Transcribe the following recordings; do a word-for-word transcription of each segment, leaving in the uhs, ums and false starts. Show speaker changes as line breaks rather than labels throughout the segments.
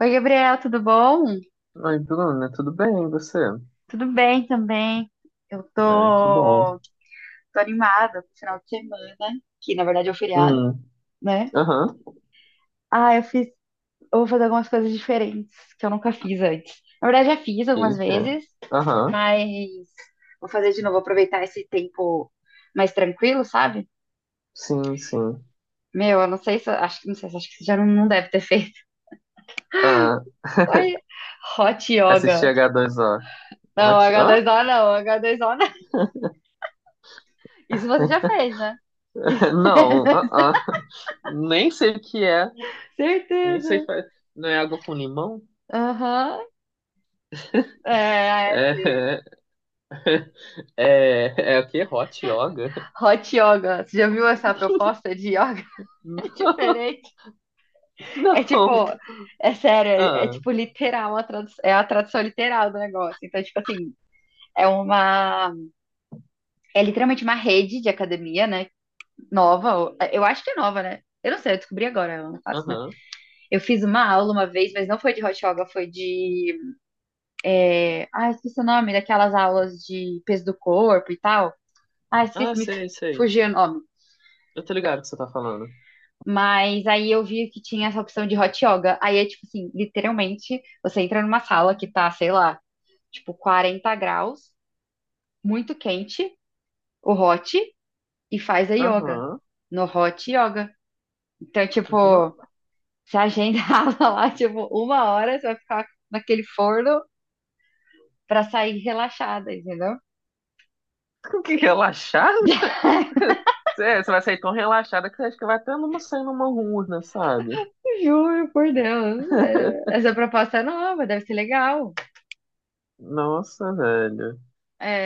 Oi, Gabriel, tudo bom?
Oi, Bruna, tudo bem? E você?
Tudo bem também. Eu
Ah, que bom.
tô, tô animada pro final de semana, que na verdade é o feriado,
Hum,
né?
aham,
Ah, eu fiz, eu vou fazer algumas coisas diferentes que eu nunca fiz antes. Na verdade, já fiz algumas
eita,
vezes,
aham,
mas vou fazer de novo, aproveitar esse tempo mais tranquilo, sabe?
sim, sim.
Meu, eu não sei se, acho que não sei, acho que você já não, não deve ter feito.
Ah,
Ai, hot yoga.
assisti h dois o.
Não,
What? Hã?
agá dois ó não, agá dois ó não. Isso você já fez, né?
Não, ah, ah. Nem sei o que é, nem sei,
Certeza.
fa- não é água com limão?
Aham, é, esse
É, é, é o quê? Hot yoga?
hot yoga. Você já viu essa proposta de yoga? É
Não,
diferente. É tipo,
não.
é sério, é, é
Ah,
tipo literal, a tradu- é a tradução literal do negócio. Então, tipo assim, é uma, é literalmente uma rede de academia, né? Nova, ou- eu acho que é nova, né? Eu não sei, eu descobri agora, eu não faço, né?
aham.
Eu fiz uma aula uma vez, mas não foi de hot yoga, foi de, ah, esqueci o nome, daquelas aulas de peso do corpo e tal. Ah,
Ah,
esqueci, me
sei, sei.
fugiu o nome.
Eu tô ligado o que você tá falando.
Mas aí eu vi que tinha essa opção de hot yoga. Aí é tipo assim, literalmente, você entra numa sala que tá, sei lá, tipo quarenta graus, muito quente, o hot, e faz a yoga.
Aham.
No hot yoga. Então, tipo, você agenda aula lá, tipo, uma hora, você vai ficar naquele forno pra sair relaxada, entendeu?
Que relaxada? Você você vai sair tão relaxada que você acha que vai até numa sair numa urna, sabe?
Juro, por Deus. É, essa proposta é nova, deve ser legal.
Nossa, velho.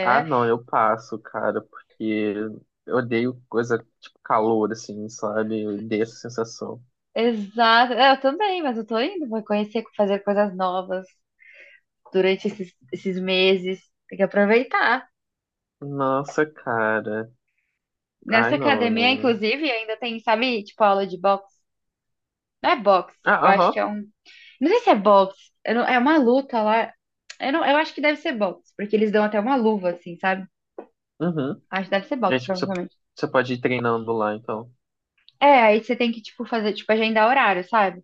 Ah, não, eu passo, cara, porque eu odeio coisa tipo calor, assim, sabe? Eu odeio essa sensação.
exato. É, eu também, mas eu tô indo, vou conhecer, fazer coisas novas durante esses, esses meses. Tem que aproveitar.
Nossa, cara.
Nessa
Ai, não,
academia,
não.
inclusive, ainda tem, sabe, tipo, aula de boxe. Não é boxe,
Ah,
eu acho que
aham.
é um. Não sei se é boxe, eu não- é uma luta lá. Eu, não, eu acho que deve ser boxe, porque eles dão até uma luva, assim, sabe?
Uhum.
Acho que deve ser
É,
boxe,
tipo, você,
provavelmente.
você pode ir treinando lá, então.
É, aí você tem que, tipo, fazer, tipo, agendar horário, sabe?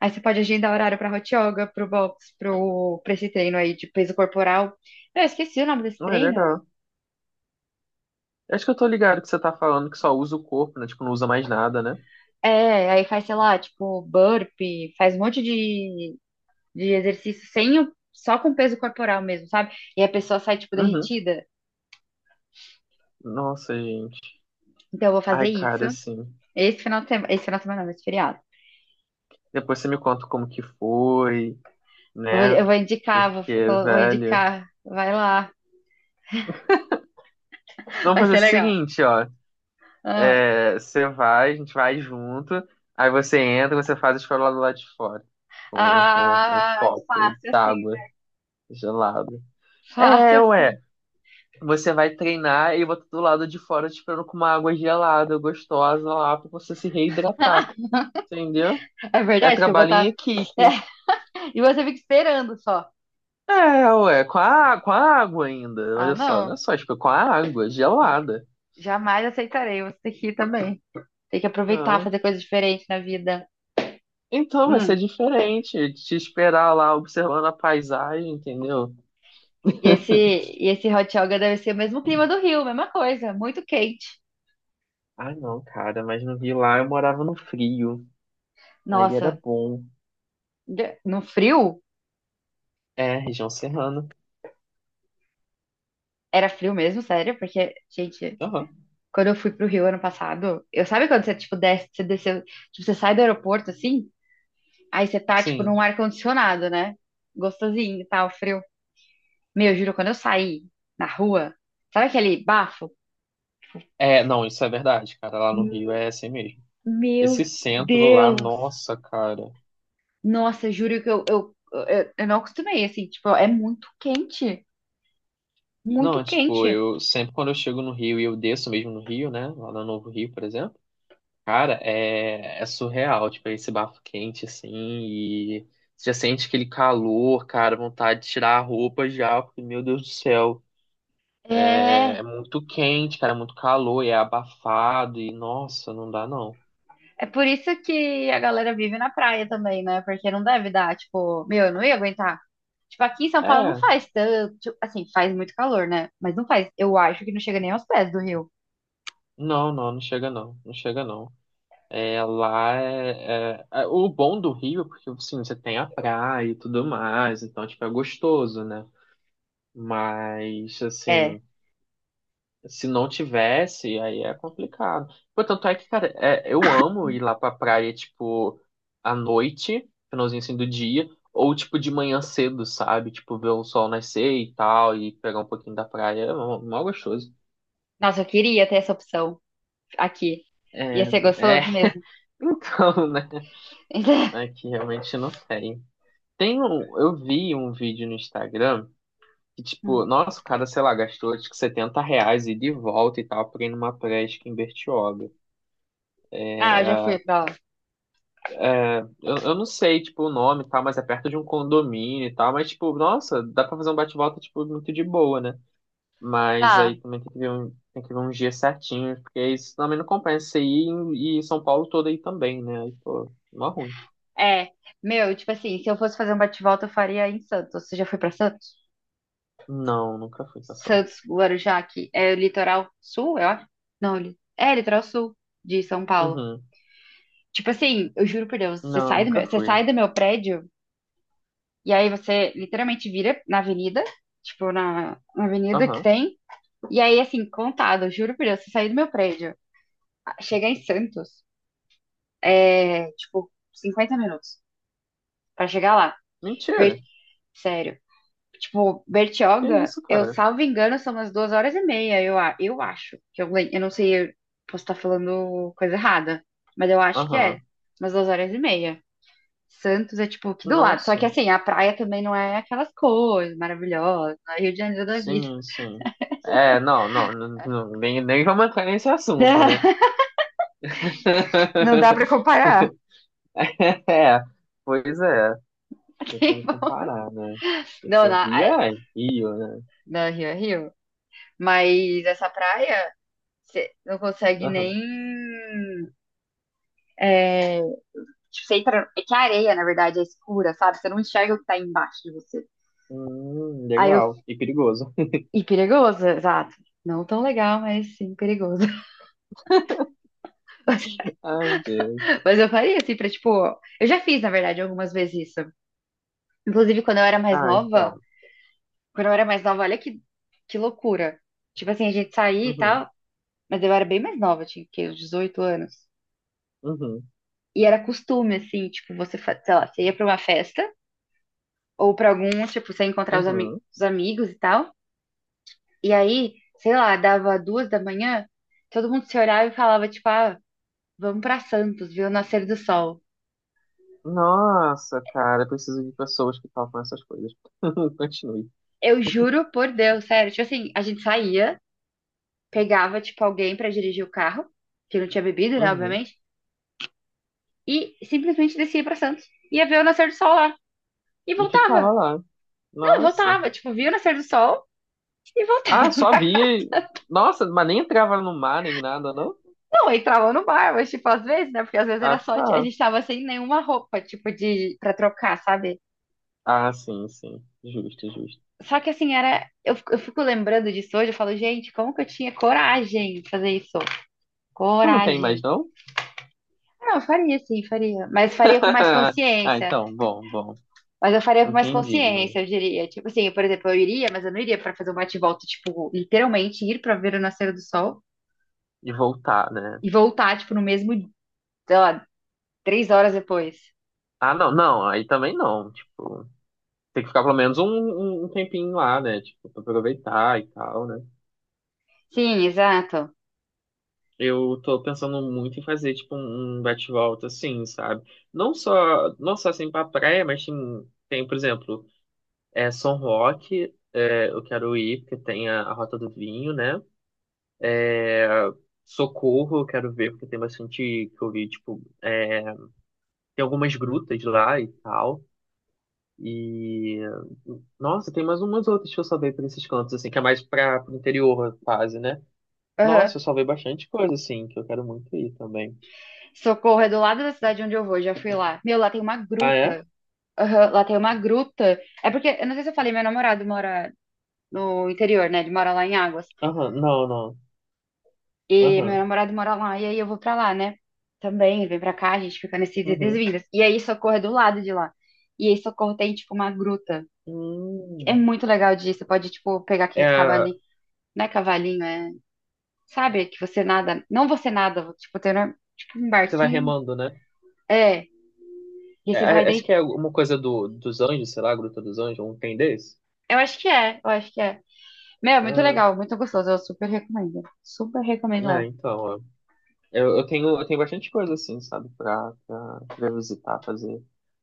Aí você pode agendar horário pra hot yoga, pro boxe, pro, pra esse treino aí de peso corporal. Eu esqueci o nome desse
Ah, é
treino.
legal. Acho que eu tô ligado que você tá falando que só usa o corpo, né? Tipo, não usa mais nada, né?
É, aí faz, sei lá, tipo, burpee, faz um monte de de exercício sem o, só com peso corporal mesmo, sabe? E a pessoa sai, tipo,
Uhum.
derretida.
Nossa, gente.
Então, eu vou
Ai,
fazer isso
cara, assim.
esse final de semana, esse final de semana, não, esse feriado.
Depois você me conta como que foi,
Eu vou,
né?
eu vou indicar, vou,
Porque,
vou
velho.
indicar, vai lá,
Vamos
vai
fazer o
ser legal.
seguinte, ó.
Ah,
É, você vai, a gente vai junto. Aí você entra, você faz a escola do lado de fora. Com, com, com um
ah,
copo
fácil assim, né?
d'água gelada.
Fácil
É,
assim.
ué. Você vai treinar e eu vou do lado de fora te esperando com uma água gelada, gostosa lá, pra você se reidratar. Entendeu?
É
É
verdade que eu vou
trabalho em
estar. É,
equipe.
e você fica esperando só.
É, ué, com a, com a água ainda.
Ah,
Olha só, não
não,
é só, tipo, com a água gelada.
jamais aceitarei. Você tem que ir também. Tem que aproveitar,
Não.
fazer coisas diferentes na vida.
Então vai ser
Hum.
diferente. Te esperar lá observando a paisagem, entendeu?
E esse, e esse hot yoga deve ser o mesmo clima do Rio, mesma coisa, muito quente.
Ah, não, cara, mas no Rio lá eu morava no frio. Aí era
Nossa,
bom.
de- no frio,
É, região serrana.
era frio mesmo, sério, porque, gente,
Aham,
quando eu fui pro Rio ano passado, eu sabe quando você, tipo, desce, você desceu, tipo, você sai do aeroporto, assim, aí você tá, tipo,
sim.
num ar-condicionado, né? Gostosinho e tal, frio. Meu, juro, quando eu saí na rua, sabe aquele bafo?
É, não, isso é verdade, cara. Lá no Rio é assim mesmo. Esse
Meu
centro lá,
Deus!
nossa, cara.
Nossa, juro que eu, eu, eu, eu não acostumei, assim, tipo, é muito quente, muito
Não, tipo,
quente.
eu sempre quando eu chego no Rio e eu desço mesmo no Rio, né? Lá no Novo Rio, por exemplo. Cara, é, é surreal, tipo, esse bafo quente, assim, e você já sente aquele calor, cara, vontade de tirar a roupa já, porque, meu Deus do céu, é,
É,
é muito quente, cara, é muito calor, e é abafado, e, nossa, não dá não.
é por isso que a galera vive na praia também, né? Porque não deve dar, tipo, meu, eu não ia aguentar. Tipo, aqui em São Paulo não
É,
faz tanto, tipo, assim, faz muito calor, né? Mas não faz, eu acho que não chega nem aos pés do rio.
não, não, não chega não, não chega não. É, lá é, é- é- o bom do Rio é porque, assim, você tem a praia e tudo mais, então, tipo, é gostoso, né? Mas,
É,
assim... se não tivesse, aí é complicado. Pô, tanto é que, cara, é, eu amo ir lá pra praia, tipo, à noite, finalzinho assim do dia, ou tipo de manhã cedo, sabe? Tipo, ver o sol nascer e tal, e pegar um pouquinho da praia. É mó mó gostoso.
nossa, eu queria ter essa opção aqui. Ia
É,
ser
é,
gostoso mesmo.
então, né? É que realmente não tem. Tem um, eu vi um vídeo no Instagram que, tipo, nossa, o cara, sei lá, gastou, acho que setenta reais e de volta e tal, pra ir numa praia, acho que em Bertioga.
Ah, eu já fui pra lá.
Eu, eu não sei, tipo, o nome e tal, mas é perto de um condomínio e tal. Mas, tipo, nossa, dá pra fazer um bate-volta, tipo, muito de boa, né? Mas
Ah,
aí também tem que ver um, tem que ver um dia certinho, porque isso também não compensa você ir em- e São Paulo todo aí também, né? Aí, pô, mó ruim.
é, meu, tipo assim, se eu fosse fazer um bate-volta, eu faria em Santos. Você já foi pra Santos?
Não, nunca fui pra Santos.
Santos, Guarujá, que é o litoral sul, eu acho. Não, li- é litoral sul de São Paulo.
Uhum.
Tipo assim, eu juro por Deus, você
Não,
sai do
nunca
meu, você
fui.
sai do meu prédio e aí você literalmente vira na avenida, tipo na, na avenida que
Aham.
tem, e aí assim, contado, eu juro por Deus, você sair do meu prédio, a- chegar em Santos, é tipo cinquenta minutos pra chegar lá.
Mentira.
Ver- Sério. Tipo,
Que
Bertioga,
isso,
eu
cara?
salvo engano, são umas duas horas e meia, eu, a- eu acho. Que eu, lem- eu não sei, eu posso estar falando coisa errada, mas eu acho que é
Aham.
umas duas horas e meia. Santos é tipo aqui do lado. Só que
Nossa.
assim, a praia também não é aquelas coisas maravilhosas, não é Rio de Janeiro da vida.
Sim, sim. É, não, não, não, não, nem, nem vamos entrar nesse assunto, né?
Não dá pra comparar.
É, pois é, tem como comparar, né?
Não,
Tipo,
na,
Rio
a-
é Rio, né?
na Rio é Rio. Mas essa praia, você não consegue nem
Aham.
é, tipo, você entra. É que a areia, na verdade, é escura, sabe? Você não enxerga o que tá embaixo de você.
Hum,
Aí eu.
legal. E perigoso.
E perigoso, exato. Não tão legal, mas sim perigoso.
Ai, Deus.
Mas, mas eu faria assim, pra tipo. Eu já fiz, na verdade, algumas vezes isso. Inclusive, quando eu era mais
Ah,
nova.
então.
Quando eu era mais nova, olha que, que loucura. Tipo assim, a gente saía e
Uhum,
tal. Mas eu era bem mais nova, tinha que quê? Uns dezoito anos.
uhum,
E era costume, assim, tipo, você, fa- sei lá, você ia pra uma festa ou pra alguns, tipo, você ia encontrar os, ami-
uhum.
os amigos e tal. E aí, sei lá, dava duas da manhã, todo mundo se olhava e falava, tipo, ah, vamos pra Santos, ver o nascer do sol.
Nossa, cara, eu preciso de pessoas que topam essas coisas. Continue.
Eu juro por Deus, sério. Tipo assim, a gente saía, pegava, tipo, alguém pra dirigir o carro, que não tinha bebido, né,
Uhum.
obviamente, e simplesmente descia pra Santos. Ia ver o nascer do sol lá. E
E ficava
voltava.
lá.
Não,
Nossa.
voltava. Tipo, via o nascer do sol e voltava.
Ah, só via. Nossa, mas nem entrava no mar nem nada, não?
Não, entrava no bar, mas, tipo, às vezes, né? Porque às vezes
Ah,
era só. A
tá.
gente tava sem nenhuma roupa, tipo, de, pra trocar, sabe?
Ah, sim, sim. Justo, justo.
Só que assim, era. Eu, fico- eu fico lembrando disso hoje, eu falo, gente, como que eu tinha coragem de fazer isso?
Você não tem mais,
Coragem.
não?
Não, eu faria sim, faria. Mas faria com mais
Ah,
consciência.
então, bom, bom.
Mas eu faria com mais
Entendi.
consciência, eu diria. Tipo assim, por exemplo, eu iria, mas eu não iria pra fazer um bate-volta, tipo, literalmente ir pra ver o nascer do sol
E voltar, né?
e voltar, tipo, no mesmo, sei lá, três horas depois.
Ah, não, não, aí também não. Tipo, tem que ficar pelo menos um, um um tempinho lá, né? Tipo, pra aproveitar e tal, né?
Sim, exato.
Eu tô pensando muito em fazer, tipo, um um bate-volta assim, sabe? Não só, não só assim pra praia, mas tem, tem, por exemplo, é, São Roque, é, eu quero ir, porque tem a, a Rota do Vinho, né? É, Socorro, eu quero ver, porque tem bastante que eu vi, tipo. É, tem algumas grutas lá e tal. E nossa, tem mais umas outras que eu salvei pra esses cantos, assim, que é mais para pro interior, quase, né? Nossa,
Aham.
eu salvei bastante coisa, assim, que eu quero muito ir também.
Socorro é do lado da cidade onde eu vou, já fui lá. Meu, lá tem uma
Ah, é?
gruta. Aham, lá tem uma gruta. É porque, eu não sei se eu falei, meu namorado mora no interior, né? Ele mora lá em Águas.
Aham, não, não.
E meu
Aham,
namorado mora lá, e aí eu vou pra lá, né? Também, vem pra cá, a gente fica nesses idas e
uhum.
vindas. E aí Socorro é do lado de lá. E aí Socorro tem, tipo, uma gruta. É
Hum.
muito legal disso. Você pode, tipo, pegar aqueles
É,
cavalinhos. Não é cavalinho, é. Sabe? Que você nada. Não você nada, tipo, tem um, tipo, um
você vai
barquinho.
remando, né?
É. E
É,
você vai
é, acho
deitar.
que é alguma coisa do, dos anjos, sei lá, Gruta dos Anjos, um tem desse?
Eu acho que é, eu acho que é. Meu, é muito legal, muito gostoso. Eu super recomendo. Super recomendo
É, é,
lá.
então, Eu, eu tenho, eu tenho bastante coisa assim, sabe, pra, pra, pra visitar, fazer,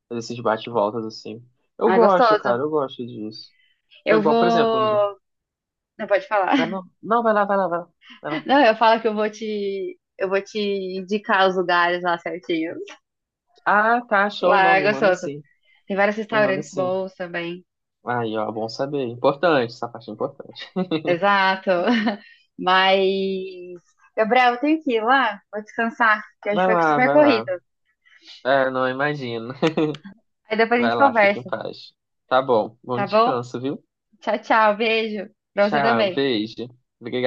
fazer esses bate-voltas assim. Eu
Ah, é
gosto,
gostoso.
cara, eu gosto disso. Foi
Eu
igual, por exemplo, um-
vou. Não pode falar.
vai não, não, vai lá, vai lá, vai lá, vai lá.
Não, eu falo que eu vou te. Eu vou te indicar os lugares lá certinho.
Ah, tá, show,
Lá
não,
é
me manda
gostoso.
sim,
Tem vários
me manda
restaurantes
sim.
bons também.
Aí, ó, bom saber, importante, essa parte é importante.
Exato. Mas. Gabriel, eu tenho que ir lá. Vou descansar, que hoje
Vai
foi
lá,
super
vai lá.
corrido.
É, não imagino.
Aí depois a
Vai
gente
lá, fique em
conversa,
paz. Tá bom, bom
tá bom?
descanso, viu?
Tchau, tchau. Beijo. Pra você
Tchau,
também.
beijo. Obrigado.